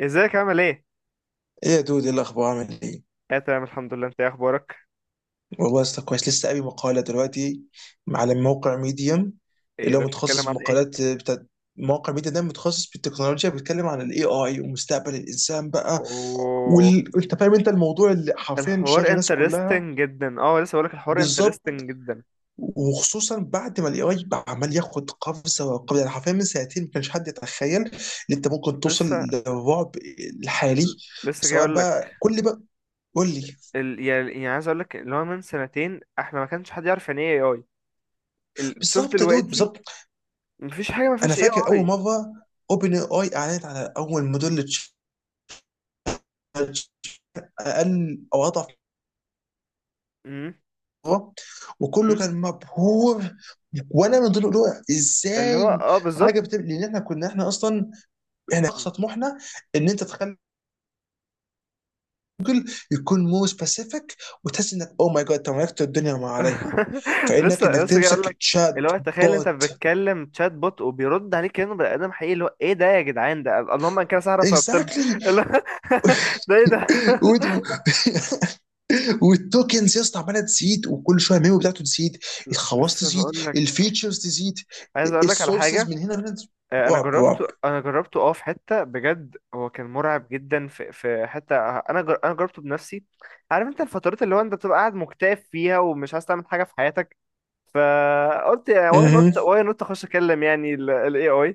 ازيك عامل ايه؟ ايه يا دود، ايه الاخبار؟ عامل ايه؟ اه، تمام، الحمد لله. انت ايه اخبارك؟ والله يا اسطى كويس. لسه قاري مقاله دلوقتي على موقع ميديم ايه اللي هو ده، متخصص بتتكلم عن ايه؟ بالمقالات بتاعت موقع ميديا. ده متخصص بالتكنولوجيا، بيتكلم عن الاي اي ومستقبل الانسان بقى. اوه. انت فاهم، انت الموضوع اللي حرفيا شاغل الحوار الناس كلها. انترستنج جدا. اه لسه بقولك، الحوار بالظبط، انترستنج جدا. وخصوصا بعد ما الاي اي عمال ياخد قفزه وقفزه، يعني حرفيا من سنتين ما كانش حد يتخيل ان انت ممكن توصل لسه للرعب الحالي. لسه جاي سواء بقى اقولك كل بقى قول لي. ال... يعني يعني عايز اقولك اللي هو من سنتين احنا ما كانش حد يعرف يعني ايه اي. شوف بالظبط يا دود، دلوقتي، بالظبط. مفيش حاجة ما انا فيهاش اي فاكر اول اي. مره اوبن اي اعلنت على اول موديل تشالنج اقل او اضعف مره، وكله كان مبهور، وانا من ضمن دول. اللي هو ازاي حاجه بالظبط. بتبقى؟ لان احنا كنا احنا اقصى طموحنا ان انت تخلي يكون مو سبيسيفيك، وتحس انك او ماي جاد انت ملكت الدنيا وما عليها. فانك لسه انك لسه جاي اقول تمسك لك، اللي تشات هو تخيل انت بوت. بتتكلم تشات بوت وبيرد عليك كانه بني ادم حقيقي، اللي هو ايه ده يا جدعان، ده اللهم ان كان سهره فابطل. اكزاكتلي. اللي هو، ده ايه ده؟ والتوكنز يا اسطى عماله تزيد، وكل شويه الميمو بتاعته تزيد، الخواص لسه تزيد، بقول لك، الفيتشرز تزيد. عايز اقول لك على السورسز حاجه. من هنا من هنا. انا رعب جربته رعب. انا جربته في حته بجد، هو كان مرعب جدا، في حته، انا جربته بنفسي. عارف انت الفترات اللي هو انت بتبقى قاعد مكتئب فيها، ومش عايز تعمل حاجه في حياتك، فقلت واي مهم. نوت، اخش اكلم يعني الاي اي،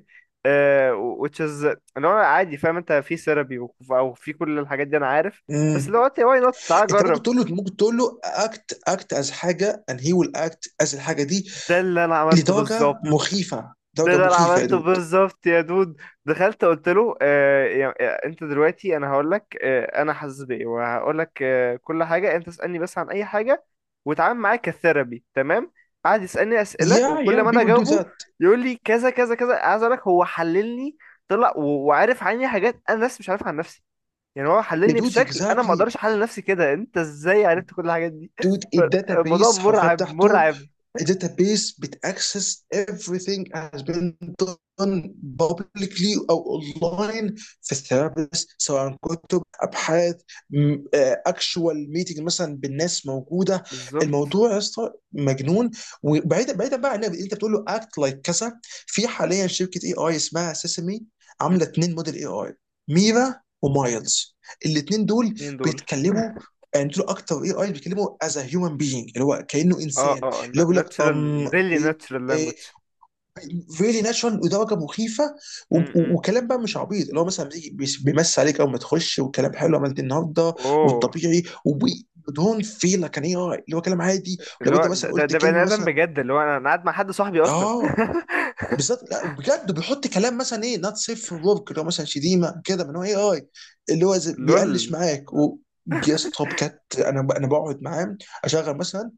which is اللي هو عادي، فاهم انت في ثيرابي او في كل الحاجات دي، انا عارف، بس مم. اللي هو قلت واي نوت، تعال انت ممكن جرب. تقول له ممكن تقول له اكت از حاجه and he will act as الحاجه دي. ده اللي انا عملته لدرجه بالظبط. مخيفه، ده درجه اللي انا مخيفه يا عملته دود. بالظبط يا دود. دخلت قلت له، انت دلوقتي انا هقول لك، انا حاسس بايه، وهقول لك كل حاجه، انت اسالني بس عن اي حاجه، واتعامل معايا كثيرابي، تمام. قعد يسالني اسئله، يا وكل ما يا انا people do اجاوبه that. يقول لي كذا كذا كذا. عايز اقول لك هو حللني، طلع وعارف عني حاجات انا نفسي مش عارفها عن نفسي، يعني هو يا حللني دود بشكل انا ما exactly. اقدرش احلل نفسي كده. انت ازاي عرفت كل الحاجات دي؟ دود الداتا الموضوع بيس حرفيا مرعب، بتاعته مرعب. a database بتاكسس everything has been done publicly او اونلاين، في الثيرابيست، سواء كتب ابحاث اكشوال ميتنج مثلا بالناس موجوده. بالظبط. الموضوع يا اسطى مجنون. وبعيدا بعيدا بقى عن انت بتقول له اكت لايك كذا، في حاليا شركه اي اي اسمها سيسمي عامله اثنين موديل اي اي: ميرا ومايلز. الاثنين دول مين دول؟ بيتكلموا، يعني دول اكتر اي اي بيتكلموا از هيومن بينج، اللي هو كانه اه، انسان. اللي اه، يقول لك ناتشرال، ام ريلي ايه، ناتشرال ايه. لانجوج. فيري ناتشورال ودرجه مخيفه. امم. وكلام بقى مش عبيط، اللي هو مثلا بيجي بيمس عليك اول ما تخش، وكلام حلو: عملت إيه النهارده؟ اوه. والطبيعي ودون فيل، كان ايه اللي هو كلام عادي. اللي لو انت هو ده مثلا ده قلت ده بني كلمه ادم مثلا، بجد، اللي هو انا قاعد مع حد صاحبي اصلا. اه بالظبط، لا بجد بيحط كلام مثلا ايه نوت سيف ورك، اللي هو مثلا شتيمه كده، من هو اي اي. اللي هو بيقلش لول. معاك. و يا اسطى بجد انا بقعد معاه، اشغل مثلا،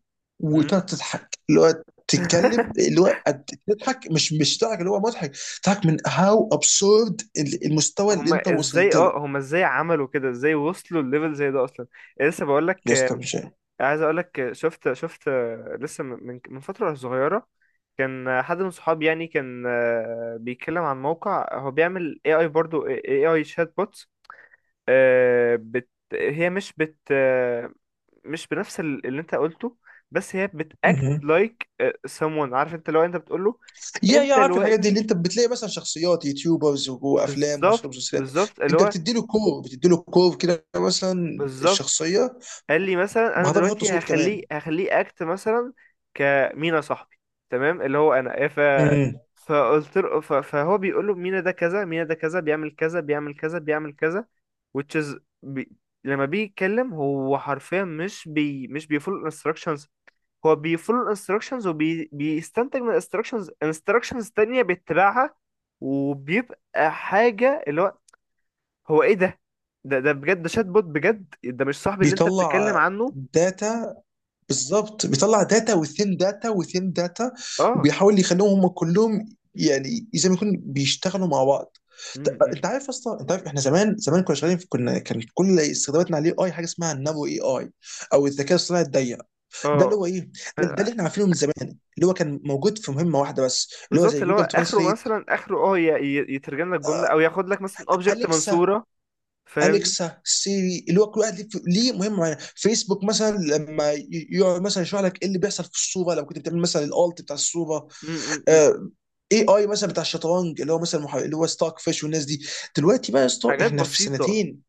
مم. وتقعد تضحك اللي هو تتكلم اللي هو تضحك، مش تضحك اللي هو مضحك، تضحك من هاو ابسورد المستوى اللي انت وصلت له. هما ازاي عملوا كده؟ ازاي وصلوا الليفل زي ده اصلا؟ لسه بقول لك، يا اسطى مش عارف. عايز اقول لك، شفت لسه من فتره صغيره، كان حد من صحابي يعني، كان بيتكلم عن موقع هو بيعمل اي اي، برضو اي اي، شات بوتس. بت، هي مش بت، مش بنفس اللي انت قلته، بس هي بتاكت مهم. لايك someone. عارف انت لو انت بتقول له، يا انت عارف الحاجات دي اللي دلوقتي، انت بتلاقي مثلا شخصيات يوتيوبرز وافلام بالظبط، ومسلسلات؟ بالظبط، اللي انت هو بتدي له كور، كده مثلا بالظبط الشخصيه، قال لي مثلا، انا وبعدها بحط دلوقتي صوت هخليه كمان. هخليه اكت مثلا كمينا صاحبي، تمام. اللي هو انا، امم فقلت له، فهو بيقول له مينا ده كذا، مينا ده كذا، بيعمل كذا، بيعمل كذا، بيعمل كذا، which is لما بيجي يتكلم هو حرفيا مش بيفول instructions. هو بيفولو الانستراكشنز، وبيستنتج من الانستراكشنز انستراكشنز تانية بيتبعها، وبيبقى حاجة اللي هو، هو ايه ده؟ ده بجد، ده شات بوت بجد، ده مش صاحبي اللي انت بتتكلم بيطلع عنه. داتا، بالظبط بيطلع داتا وثين داتا وثين داتا، اه. وبيحاول يخليهم هم كلهم يعني زي ما يكون بيشتغلوا مع بعض. م- انت م- عارف اصلا، انت عارف احنا زمان زمان كنا شغالين كان كل استخداماتنا عليه اي حاجه اسمها النانو اي اي او الذكاء الصناعي الضيق. ده اللي اه، هو ايه؟ ده اللي احنا عارفينه من زمان، اللي هو كان موجود في مهمه واحده بس، اللي هو بالظبط، زي اللي هو جوجل اخره ترانسليت، مثلا، اخره اه ي- ي- يترجم لك جملة، او ياخد لك مثلا اوبجكت اليكسا. منصورة، فاهمني. اليكسا، سيري، اللي هو كل واحد ليه مهمه معينه. فيسبوك مثلا لما يقعد مثلا يشرح لك ايه اللي بيحصل في الصوره لو كنت بتعمل مثلا الالت بتاع الصوره. م- م- م. آه، اي اي مثلا بتاع الشطرنج، اللي هو مثلا اللي هو ستاك فيش والناس دي. دلوقتي بقى يا اسطى حاجات احنا في بسيطة. سنتين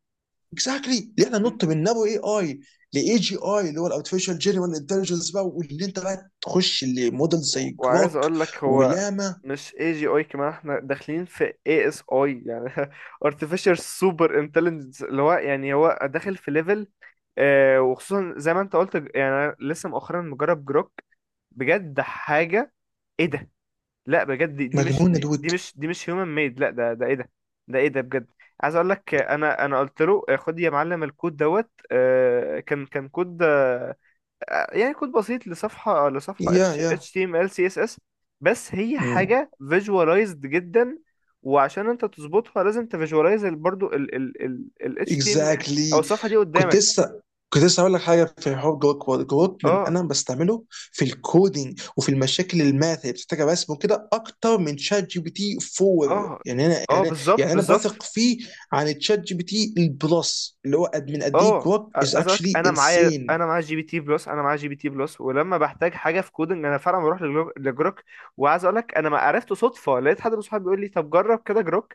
اكزاكتلي اللي احنا ننط من نابو اي اي لاي جي اي، اللي هو الارتفيشال جنرال انتليجنس بقى، واللي انت بقى تخش لموديل زي وعايز كراك اقول لك هو ولاما. مش اي جي اي كمان، احنا داخلين في اي اس اي يعني. artificial super intelligence، اللي هو يعني هو داخل في ليفل. آه، وخصوصا زي ما انت قلت، يعني أنا لسه مؤخرا مجرب جروك، بجد حاجة، ايه ده؟ لا بجد، دي, دي مش مجنون دي, دي الود. مش دي مش هيومن ميد، لا ده ايه ده؟ ده ايه ده بجد؟ عايز اقول لك، انا قلت له، خد يا معلم الكود دوت، كان كود، يعني كود بسيط لصفحة، يا اتش يا HTML CSS، بس هي مم. حاجة visualized جدا، وعشان انت تظبطها لازم تفيجواليز برضو ال HTML، او اكزاكتلي. الصفحة دي كنت قدامك. لسه كنت لسه هقول لك حاجه في حوار جروك. وورد، جروك من اه، انا بستعمله في الكودينج وفي المشاكل الماث اللي بتحتاج رسم وكده، اكتر من شات جي بي تي 4. اه، يعني انا اه، يعني يعني بالظبط، انا بالظبط، بثق فيه عن تشات جي بي تي البلس. اللي هو قد ايه اه. جروك از أزاك، اكشلي انا معايا انسين. انا معايا جي بي تي بلس، انا معايا جي بي تي بلس، ولما بحتاج حاجه في كودنج انا فعلا بروح لجروك، وعايز اقول لك انا ما عرفته صدفه، لقيت حد من صحابي بيقول لي، طب جرب كده جروك،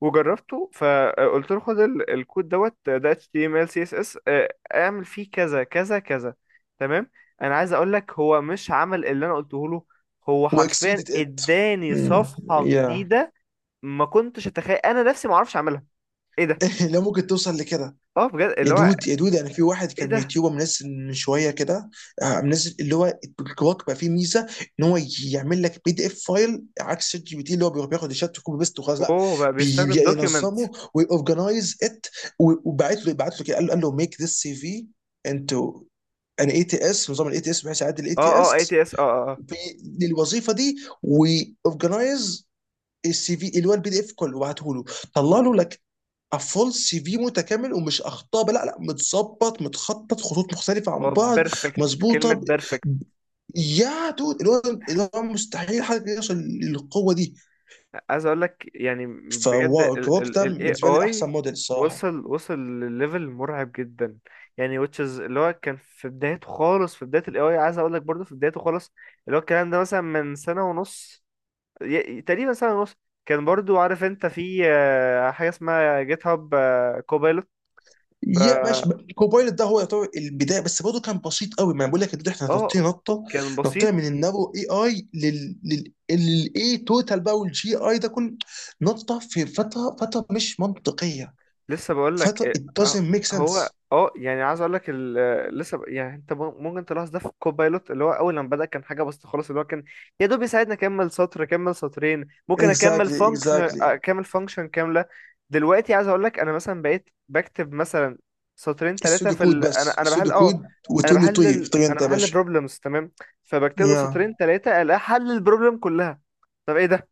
وجربته، فقلت له خد الكود دوت ده HTML CSS، اعمل فيه كذا كذا كذا، تمام. انا عايز اقول لك هو مش عمل اللي انا قلته له، هو حرفيا واكسيدد ات. اداني صفحة يا جديدة ما كنتش اتخيل انا نفسي ما اعرفش اعملها. ايه ده؟ لو ممكن توصل لكده. اه بجد، يا اللي هو دود يا دود يعني في واحد ايه كان ده. يوتيوبر منزل من شويه كده. منزل اللي هو الكواك بقى فيه ميزه ان هو يعمل لك بي دي اف فايل، عكس شات جي بي تي اللي هو بيروح بياخد الشات وكوبي بيست وخلاص. لا، اوه بقى، بيستخدم دوكيومنت؟ بينظمه ويورجنايز ات. وبعت له كده، قال له: ميك ذس سي في انتو ان اي تي اس، نظام الاي تي اس، بحيث يعدل الاي اه، تي اه، اي اس تي اس، اه، اه، آه. للوظيفه دي، ويورجنايز السي في اللي هو البي دي اف كله. وبعته له، طلع له لك فول سي في متكامل ومش اخطاء بقى، لا لا متظبط، متخطط، خطوط مختلفه عن هو بعض، بيرفكت، مظبوطه. كلمة بيرفكت. يا دود، اللي هو مستحيل حد يوصل للقوه دي. عايز اقول لك يعني بجد فواو، ال كوك ال ده ال بالنسبه لي AI احسن موديل الصراحه. وصل، لليفل مرعب جدا، يعني which is اللي هو كان في بدايته خالص، في بداية ال AI، عايز اقول لك برضه في بدايته خالص، اللي هو الكلام ده مثلا من سنة ونص، تقريبا سنة ونص، كان برضه، عارف انت في حاجة اسمها جيت هاب كوبايلوت، ف يا ماشي. كوبايلوت ده هو يعتبر البدايه، بس برضه كان بسيط قوي. ما أنا بقول لك يا دود احنا اه نطينا نطه. كان بسيط. نطينا من النابو اي اي لل لل للاي توتال بقى والجي اي ده كله. نطه في فتره مش منطقيه. لسه بقول لك، فتره it آه، doesn't make هو sense. يعني عايز اقول لك، لسه يعني، انت ممكن تلاحظ ده في كوبايلوت، اللي هو اول لما بدأ كان حاجه بسيطه خالص، اللي هو كان يا دوب يساعدني اكمل سطر، اكمل سطرين، ممكن اكمل اكزاكتلي، فانكشن، اكزاكتلي. اكمل فانكشن كامله. دلوقتي عايز اقول لك انا مثلا بقيت بكتب مثلا سطرين ثلاثه السودو كود بس، انا بحل، السودو كود، انا وتقول له طيب، بحلل طيب انا انت يا بحلل باشا. بروبلمز، تمام. فبكتب له يا سطرين ثلاثه، الاقي حل البروبلم كلها. طب ايه ده؟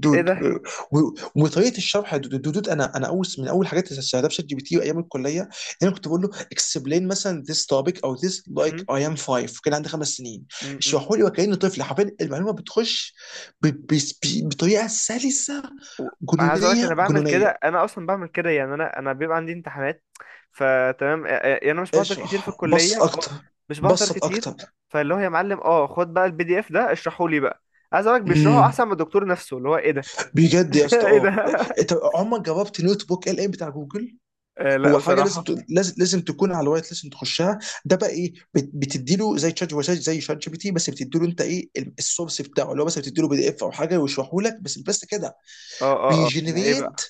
دود. ايه و- وطريقه الشرح يا دود, دود دود، انا اول من اول حاجات اللي استخدمتها في شات جي بي تي ايام الكليه، انا كنت بقول له explain مثلا this topic او this like ده، I am five، كان عندي 5 سنين، اشرحوا لي وكاني طفل. حرفيا المعلومه بتخش ب- ب- بطريقه سلسه و- عايز اقول لك، انا جنونيه بعمل كده، جنونيه. انا اصلا بعمل كده، يعني انا بيبقى عندي امتحانات، فتمام، يعني انا مش بحضر كتير في اشرح الكليه. بسط اه اكتر، مش بحضر بسط كتير، اكتر. فاللي هو، يا معلم، خد بقى البي دي اف ده، اشرحه لي بقى. عايز اقول لك بيشرحه احسن من الدكتور نفسه، اللي هو ايه ده؟ بجد يا اسطى، ايه ده؟ اه. انت عمرك جربت نوت بوك ال ام بتاع جوجل؟ آه، لا هو حاجه بصراحه. لازم تكون على الوايت، لازم تخشها. ده بقى ايه؟ بتدي له زي زي شات جي بي تي، بس بتدي له انت ايه السورس بتاعه، اللي هو مثلا بتدي له بي دي اف او حاجه ويشرحه لك. بس كده. اه، اه، اه، ده ايه بيجنريت بقى؟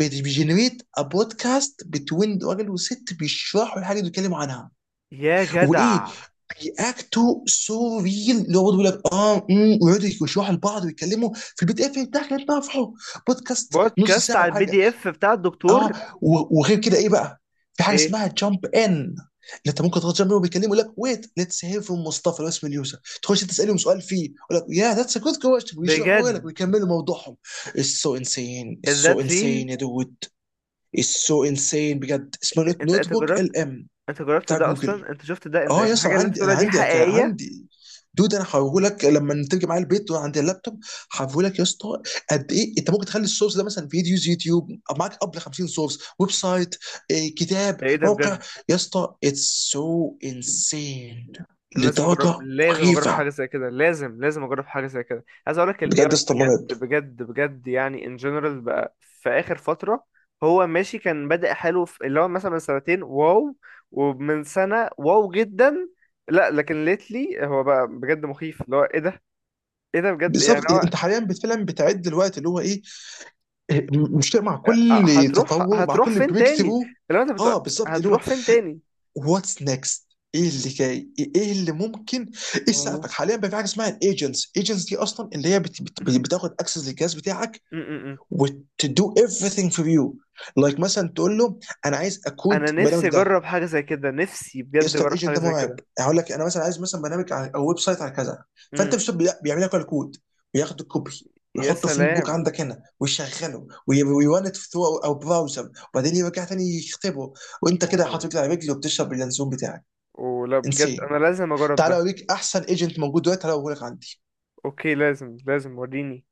بيجنريت ا بودكاست بتوين راجل وست بيشرحوا الحاجه اللي بيتكلموا عنها. يا وايه، جدع، بيأكتوا سو ريل، اللي هو برضه بيقول لك اه ويقعدوا يشرحوا لبعض ويتكلموا في البي دي اف بتاعك اللي انت رافعه. بودكاست نص بودكاست ساعه على ولا البي حاجه. دي اف بتاع اه. الدكتور؟ وغير كده ايه بقى، في حاجه ايه، اسمها جامب ان، اللي انت ممكن تضغط جنب وبيكلموا، يقول لك ويت ليتس هير فروم مصطفى لو اسم اليوزر، تخش تسالهم سؤال فيه، يقول لك يا ذاتس ا جود كويشن ويشرحوا بجد؟ لك ويكملوا موضوعهم. اتس سو انسين، اتس سو ذات انسين ريل. يا دود، اتس سو انسين بجد. اسمه انت نوت انت بوك جربت ال ام انت جربت بتاع ده جوجل. اصلا؟ انت شفت ده؟ انت اه يا اسطى الحاجه اللي انت عندي، انا بتقولها دي عندي حقيقيه؟ عندي. دود انا هوريهولك لما تيجي معايا البيت عند اللابتوب. هوريهولك يا اسطى قد ايه انت ممكن تخلي السورس ده مثلا فيديوز يوتيوب، معاك قبل 50 سورس، ويب سايت، إيه، كتاب، ده ايه ده موقع. بجد؟ يا اسطى اتس سو انسين، أنا لازم اجرب، لدرجه لازم اجرب مخيفه. حاجه زي كده، لازم اجرب حاجه زي كده، عايز اقول لك الاي بجد يا اي اسطى مرعب. بجد بجد بجد، يعني ان جنرال بقى في اخر فتره. هو ماشي، كان بادئ حلو، في اللي هو مثلا من سنتين، واو، ومن سنه واو جدا، لا لكن ليتلي هو بقى بجد مخيف، اللي هو ايه ده؟ ايه ده بجد يعني؟ بالظبط. هو انت حاليا فعلا بتعد الوقت اللي هو ايه. إيه، مش مع كل هتروح تطور، مع هتروح كل فين بريك تاني؟ ثرو. اللي هو انت بتقول اه بالظبط، اللي هو هتروح فين تاني. واتس نيكست. ايه اللي جاي؟ ايه اللي ممكن؟ ايه مم. سقفك حاليا بقى؟ في حاجه اسمها الايجنتس. ايجنتس دي اصلا اللي هي بتاخد اكسس للجهاز بتاعك م- م- م. وتدو everything for you. لايك مثلا تقول له انا عايز اكود انا برنامج نفسي ده. اجرب حاجه زي كده، نفسي يا بجد اسطى اجرب الايجنت حاجه ده زي مرعب. كده. هقول لك، انا مثلا عايز مثلا برنامج او ويب سايت على كذا، م. فانت مش بيعمل لك الكود وياخد الكوبي يا ويحطه في نوت بوك سلام. عندك هنا ويشغله ويرن ات ثرو او براوزر، وبعدين يرجع تاني يكتبه، وانت كده واو. حاطط رجلك على رجل وبتشرب اللانسون بتاعك. ولا بجد، انسين. انا لازم اجرب تعالى ده. اوريك احسن ايجنت موجود دلوقتي، تعالى اوريك عندي. اوكي، لازم وريني